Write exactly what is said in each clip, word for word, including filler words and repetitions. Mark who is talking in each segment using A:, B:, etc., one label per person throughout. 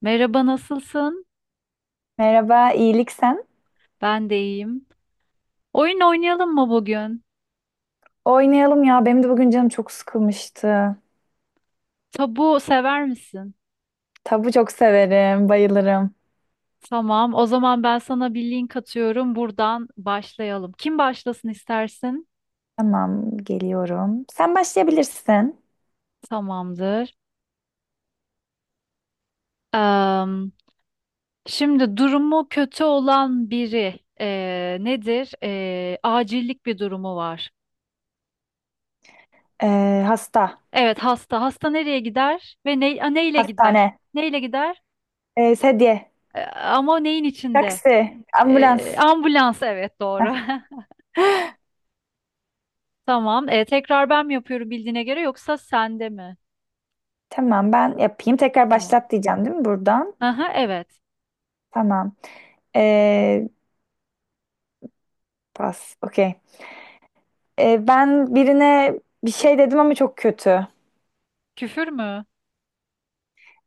A: Merhaba, nasılsın?
B: Merhaba, iyilik sen?
A: Ben de iyiyim. Oyun oynayalım mı bugün?
B: Oynayalım ya. Benim de bugün canım çok sıkılmıştı.
A: Tabu sever misin?
B: Tabu çok severim, bayılırım.
A: Tamam, o zaman ben sana bir link atıyorum. Buradan başlayalım. Kim başlasın istersin?
B: Tamam, geliyorum. Sen başlayabilirsin.
A: Tamamdır. Am, şimdi durumu kötü olan biri eee, nedir? Eee, acillik bir durumu var.
B: Ee, hasta,
A: Evet, hasta. Hasta nereye gider ve ne, a, neyle gider?
B: hastane,
A: Neyle gider?
B: ee, sedye,
A: E, ama neyin içinde?
B: taksi, ambulans.
A: E, ambulans, evet doğru.
B: Heh,
A: Tamam. E, tekrar ben mi yapıyorum bildiğine göre yoksa sende mi?
B: tamam, ben yapayım. Tekrar
A: Tamam.
B: başlat diyeceğim değil mi buradan?
A: Aha, evet.
B: Tamam. Ee, pas, okey. Ee, ben birine bir şey dedim ama çok kötü.
A: Küfür mü?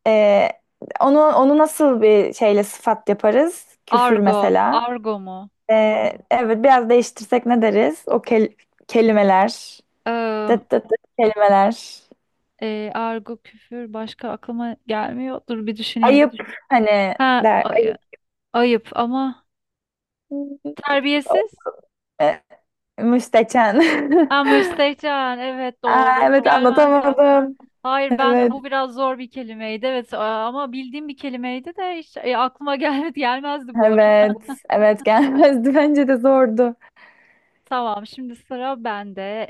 B: Ee, onu onu nasıl bir şeyle sıfat yaparız? Küfür
A: Argo.
B: mesela.
A: Argo mu?
B: Ee, evet biraz değiştirsek ne deriz? O kel- kelimeler.
A: Im,
B: Dıt dıt dıt kelimeler.
A: e, argo, küfür başka aklıma gelmiyor. Dur bir düşüneyim.
B: Ayıp hani
A: Ha,
B: der.
A: ay-
B: Ayıp.
A: ayıp ama terbiyesiz.
B: Ee, müsteçen.
A: Ha, müstehcen. Evet
B: Aa,
A: doğru. Bu
B: evet
A: gelmezdi aklıma.
B: anlatamadım.
A: Hayır ben
B: Evet.
A: bu biraz zor bir kelimeydi. Evet a- ama bildiğim bir kelimeydi de hiç e, aklıma gelmedi gelmezdi bu arada.
B: Evet. Evet gelmezdi. Bence de zordu.
A: Tamam şimdi sıra bende.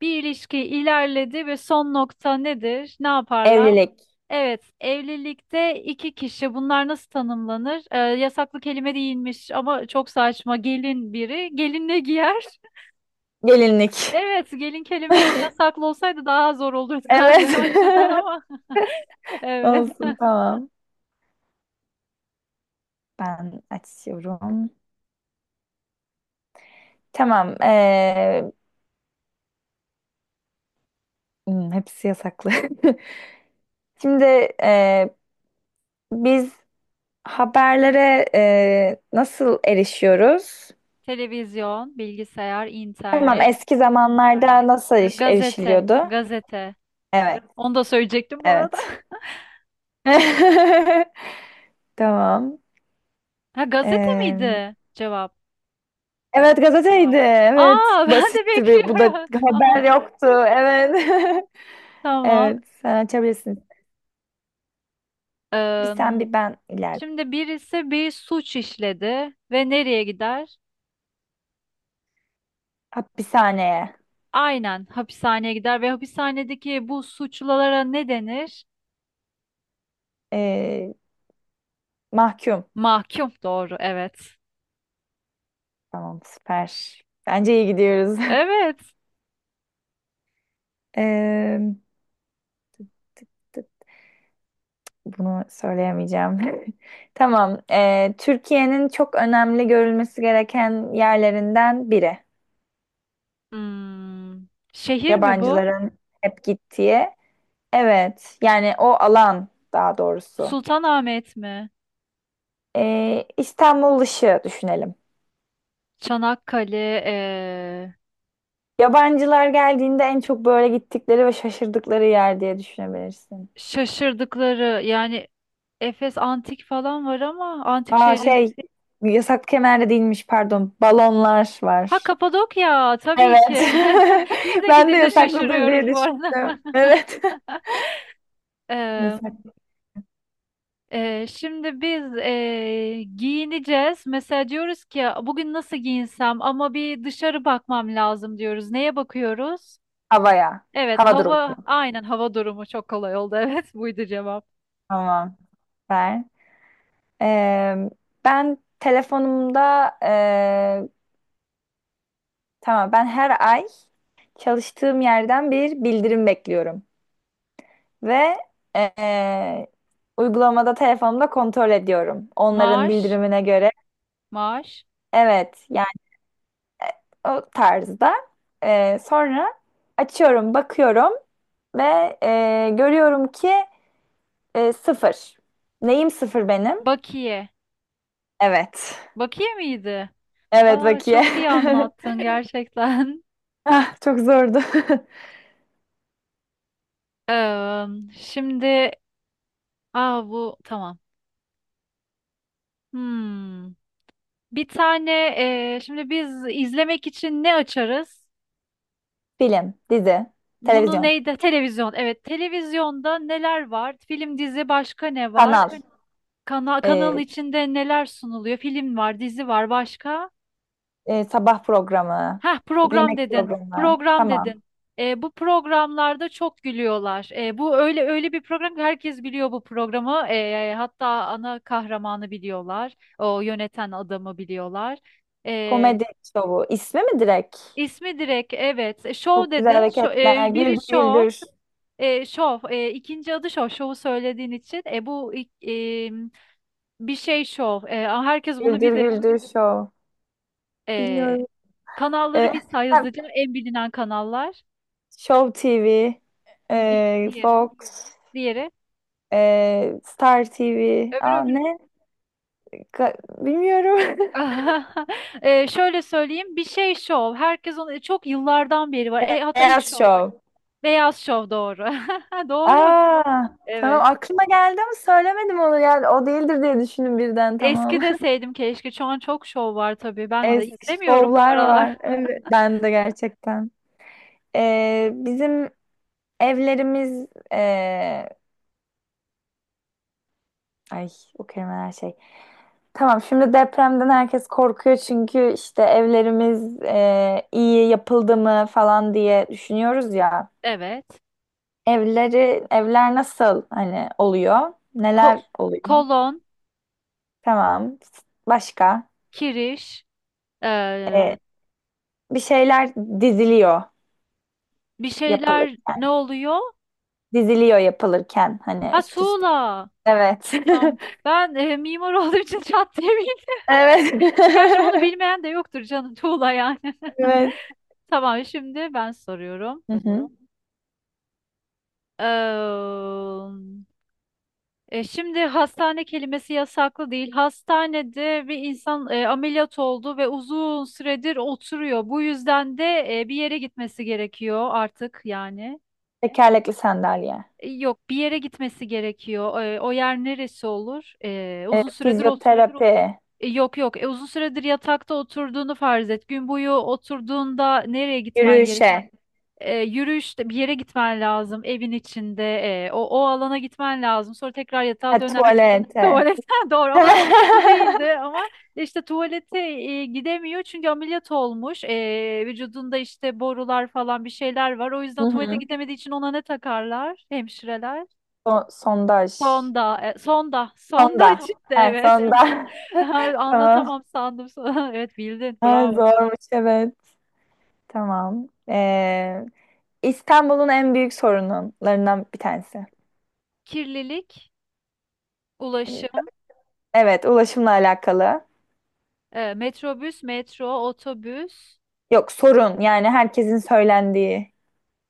A: Bir ilişki ilerledi ve son nokta nedir? Ne yaparlar?
B: Evlilik.
A: Evet, evlilikte iki kişi bunlar nasıl tanımlanır? Ee, yasaklı kelime değilmiş ama çok saçma. Gelin biri, gelin ne giyer?
B: Gelinlik.
A: Evet, gelin kelimesi yasaklı olsaydı daha zor olurdu o
B: Evet.
A: açıdan ama evet.
B: Olsun tamam. Ben açıyorum. Tamam. ee, hmm, hepsi yasaklı. Şimdi ee, biz haberlere e, nasıl erişiyoruz?
A: Televizyon, bilgisayar,
B: Tamam,
A: internet,
B: eski zamanlarda nasıl
A: g-
B: eriş-
A: gazete,
B: erişiliyordu?
A: gazete.
B: Evet,
A: Onu da söyleyecektim bu arada.
B: evet. Tamam.
A: Ha gazete
B: E,
A: miydi cevap?
B: evet, gazeteydi. Evet,
A: Aa ben de
B: basitti bir. Bu da
A: bekliyorum. Tamam.
B: haber yoktu. Evet.
A: Tamam.
B: Evet, sen açabilirsin. Bir sen
A: Eee,
B: bir ben ileride.
A: şimdi birisi bir suç işledi ve nereye gider?
B: Hapishaneye.
A: Aynen hapishaneye gider ve hapishanedeki bu suçlulara ne denir?
B: E, mahkum.
A: Mahkum doğru evet.
B: Tamam, süper. Bence iyi gidiyoruz.
A: Evet.
B: E, bunu söyleyemeyeceğim. Tamam. Ee, Türkiye'nin çok önemli görülmesi gereken yerlerinden biri.
A: Hmm, şehir mi bu?
B: Yabancıların hep gittiği. Evet. Yani o alan daha doğrusu.
A: Sultanahmet mi?
B: Ee, İstanbul dışı düşünelim.
A: Çanakkale, eee,
B: Yabancılar geldiğinde en çok böyle gittikleri ve şaşırdıkları yer diye düşünebilirsin.
A: şaşırdıkları yani Efes antik falan var ama antik
B: Aa
A: şehri.
B: şey yasak kemer değilmiş pardon. Balonlar
A: Ha
B: var.
A: Kapadokya tabii ki.
B: Evet.
A: Biz de
B: Ben de
A: gidince
B: yasaklıdır diye
A: şaşırıyoruz bu arada.
B: düşündüm. Evet. Yasak.
A: Ee, şimdi biz ee, giyineceğiz. Mesela diyoruz ki bugün nasıl giyinsem ama bir dışarı bakmam lazım diyoruz. Neye bakıyoruz?
B: Havaya.
A: Evet
B: Hava durumu.
A: hava aynen hava durumu çok kolay oldu. Evet buydu cevap.
B: Tamam. Ver. Ee, ben telefonumda ee, tamam ben her ay çalıştığım yerden bir bildirim bekliyorum ve ee, uygulamada telefonumda kontrol ediyorum. Onların
A: Maaş,
B: bildirimine göre.
A: maaş,
B: Evet, yani o tarzda. Ee, sonra açıyorum, bakıyorum ve ee, görüyorum ki ee, sıfır. Neyim sıfır benim?
A: bakiye.
B: Evet.
A: Bakiye miydi?
B: Evet
A: Aa,
B: bakiye.
A: çok iyi anlattın gerçekten.
B: Ah, çok zordu.
A: Ee, şimdi aa, bu tamam. Hmm. Bir tane, ee, şimdi biz izlemek için ne açarız?
B: Film, dizi,
A: Bunu
B: televizyon,
A: neydi? Televizyon. Evet, televizyonda neler var? Film, dizi, başka ne var?
B: kanal,
A: Kana kanalın
B: e,
A: içinde neler sunuluyor? Film var, dizi var, başka?
B: e, sabah programı,
A: Heh, program
B: yemek
A: dedin.
B: programı.
A: Program
B: Tamam.
A: dedin. E, bu programlarda çok gülüyorlar. E, bu öyle öyle bir program ki herkes biliyor bu programı. E, hatta ana kahramanı biliyorlar. O yöneten adamı biliyorlar. E,
B: Komedi şovu. İsmi mi direkt?
A: ismi direkt evet. E, Show
B: Çok güzel
A: dedin. Şo-
B: hareketler.
A: e, biri
B: Güldür
A: show.
B: güldür.
A: E, şov, e, ikinci adı şov, şovu söylediğin için. E, bu ilk- e, bir şey şov. E, herkes bunu
B: Güldür
A: bilir.
B: güldür şov.
A: E,
B: Bilmiyorum.
A: kanalları
B: E,
A: bir say
B: ha,
A: hızlıca. En bilinen kanallar.
B: Show T V,
A: Di-
B: e,
A: diğeri.
B: Fox,
A: Diğeri.
B: e, Star T V.
A: Öbürü
B: Aa,
A: öbürü.
B: ne? Ka- bilmiyorum.
A: E, şöyle söyleyeyim. Bir şey şov. Herkes onu çok yıllardan beri var. E, hatta ilk
B: Beyaz
A: şov.
B: Show.
A: Beyaz şov doğru. Doğru.
B: Aa, tamam
A: Evet.
B: aklıma geldi ama söylemedim onu yani o değildir diye düşündüm birden
A: Eski
B: tamam.
A: deseydim keşke. Şu an çok şov var tabii. Ben de
B: Eski
A: izlemiyorum bu
B: şovlar var.
A: aralar.
B: Evet. Ben de gerçekten. Ee, bizim evlerimiz ee, ay o kelimeler şey. Tamam şimdi depremden herkes korkuyor çünkü işte evlerimiz ee, iyi yapıldı mı falan diye düşünüyoruz ya.
A: Evet.
B: Evleri evler nasıl hani oluyor?
A: Ko-
B: Neler oluyor?
A: kolon.
B: Tamam. Başka?
A: Kiriş,
B: Ee,
A: eee,
B: bir şeyler diziliyor
A: bir şeyler
B: yapılırken.
A: ne oluyor?
B: Diziliyor yapılırken hani
A: Ha
B: üst üste.
A: tuğla.
B: Evet.
A: Tamam. Ben eee, mimar olduğum için çat diye bildim.
B: Evet.
A: Gerçi bunu bilmeyen de yoktur canım tuğla yani.
B: Evet.
A: Tamam şimdi ben soruyorum.
B: Hı hı.
A: Eee, e, şimdi hastane kelimesi yasaklı değil. Hastanede bir insan e, ameliyat oldu ve uzun süredir oturuyor. Bu yüzden de e, bir yere gitmesi gerekiyor artık yani.
B: Tekerlekli sandalye.
A: E, Yok bir yere gitmesi gerekiyor. E, o yer neresi olur? E,
B: Ee,
A: uzun süredir otur.
B: fizyoterapi.
A: E, yok yok. E, uzun süredir yatakta oturduğunu farz et. Gün boyu oturduğunda nereye gitmen gerek?
B: Yürüyüşe.
A: E, yürüyüşte bir yere gitmen lazım. Evin içinde e, o, o alana gitmen lazım. Sonra tekrar yatağa
B: Ha,
A: dönersin.
B: tuvalete.
A: Tuvaletten doğru ama bu değildi ama işte tuvalete e, gidemiyor çünkü ameliyat olmuş. E, vücudunda işte borular falan bir şeyler var. O
B: Hı
A: yüzden tuvalete
B: hı.
A: gidemediği için ona ne takarlar hemşireler?
B: So- sondaj.
A: Sonda, e, sonda,
B: Sonda.
A: sonda çıktı
B: Ha,
A: evet.
B: sonda. Tamam.
A: Anlatamam sandım sana. Evet bildin,
B: Ha,
A: bravo.
B: zormuş evet. Tamam. Ee, İstanbul'un en büyük sorunlarından bir tanesi.
A: Kirlilik, ulaşım,
B: Evet, ulaşımla alakalı.
A: e, metrobüs, metro, otobüs,
B: Yok sorun yani herkesin söylendiği.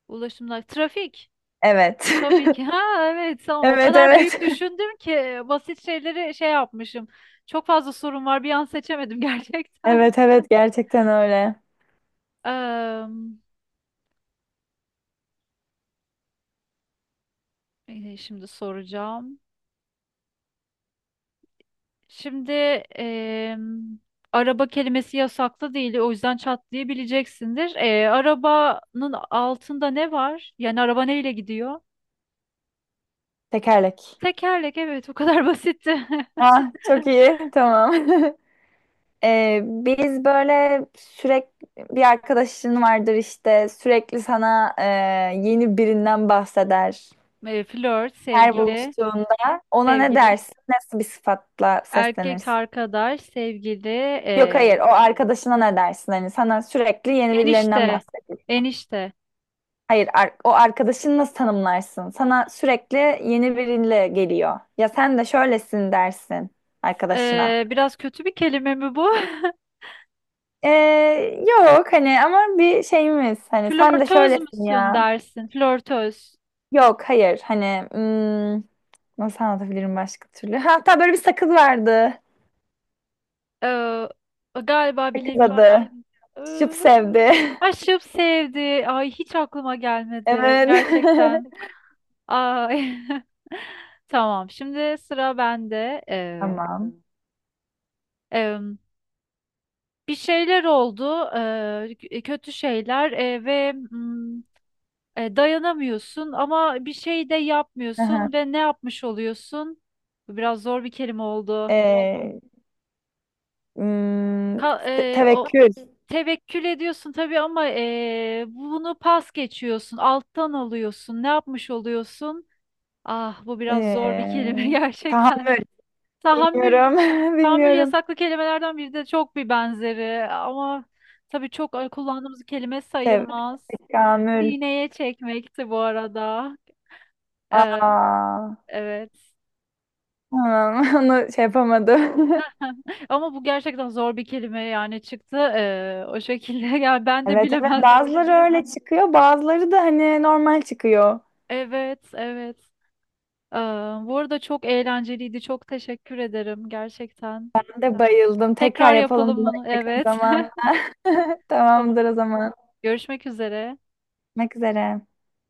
A: ulaşımlar, trafik.
B: Evet.
A: Tabii ki. Ha evet, tamam. O
B: Evet
A: kadar büyük
B: evet.
A: düşündüm ki e, basit şeyleri şey yapmışım. Çok fazla sorun var. Bir an seçemedim gerçekten.
B: Evet evet gerçekten öyle.
A: Eee, e, şimdi soracağım. Şimdi em, araba kelimesi yasaklı değil, o yüzden çat diye bileceksindir. E, arabanın altında ne var? Yani araba neyle gidiyor?
B: Tekerlek.
A: Tekerlek, evet, bu kadar basitti.
B: Ah çok iyi tamam. Ee, biz böyle sürekli bir arkadaşın vardır işte sürekli sana e, yeni birinden bahseder.
A: E, flört,
B: Her
A: sevgili,
B: buluştuğunda ona ne
A: sevgili,
B: dersin? Nasıl bir sıfatla
A: erkek
B: seslenirsin?
A: arkadaş, sevgili,
B: Yok
A: e,
B: hayır o arkadaşına ne dersin? Hani sana sürekli yeni
A: enişte,
B: birilerinden bahsediyor.
A: enişte.
B: Hayır, ar- o arkadaşını nasıl tanımlarsın? Sana sürekli yeni biriyle geliyor. Ya sen de şöylesin dersin arkadaşına.
A: E, biraz kötü bir kelime mi bu?
B: Ee, yok hani ama bir şeyimiz hani sen de
A: Flörtöz
B: şöylesin
A: müsün
B: ya.
A: dersin, flörtöz.
B: Yok hayır hani hmm, nasıl anlatabilirim başka türlü? Hatta böyle bir sakız vardı.
A: E, galiba
B: Sakız
A: bilemeyeceğim.
B: adı. Şıp sevdi.
A: Aşıp sevdi. Ay hiç aklıma gelmedi.
B: Evet.
A: Gerçekten. Ay. Tamam. Şimdi sıra bende. Ee,
B: Tamam.
A: e, bir şeyler oldu. Ee, k- kötü şeyler ee, ve mm, e, dayanamıyorsun ama bir şey de
B: Aha.
A: yapmıyorsun ve ne yapmış oluyorsun? Bu biraz zor bir kelime oldu.
B: Ee, hmm,
A: Ka-
B: te-
A: ee, o
B: tevekkül.
A: tevekkül ediyorsun tabii ama ee, bunu pas geçiyorsun. Alttan alıyorsun. Ne yapmış oluyorsun? Ah bu biraz zor bir kelime
B: Ee,
A: gerçekten.
B: tahammül.
A: Tahammül,
B: Bilmiyorum.
A: tahammül
B: Bilmiyorum.
A: yasaklı kelimelerden biri de çok bir benzeri ama tabii çok e, kullandığımız kelime
B: Sev tabii ki
A: sayılmaz.
B: Kamül.
A: Sineye çekmekti bu arada. Ee,
B: Aa,
A: evet.
B: tamam. Onu şey yapamadım.
A: Ama bu gerçekten zor bir kelime yani çıktı ee, o şekilde. Yani ben de
B: Evet evet
A: bilemezdim.
B: bazıları öyle çıkıyor bazıları da hani normal çıkıyor.
A: Evet, evet. Ee, bu arada çok eğlenceliydi. Çok teşekkür ederim gerçekten.
B: Ben de bayıldım. Tekrar
A: Tekrar
B: yapalım
A: yapalım
B: bunu
A: bunu.
B: yakın
A: Evet.
B: zaman.
A: Tamam.
B: Tamamdır o zaman.
A: Görüşmek üzere.
B: Görüşmek üzere.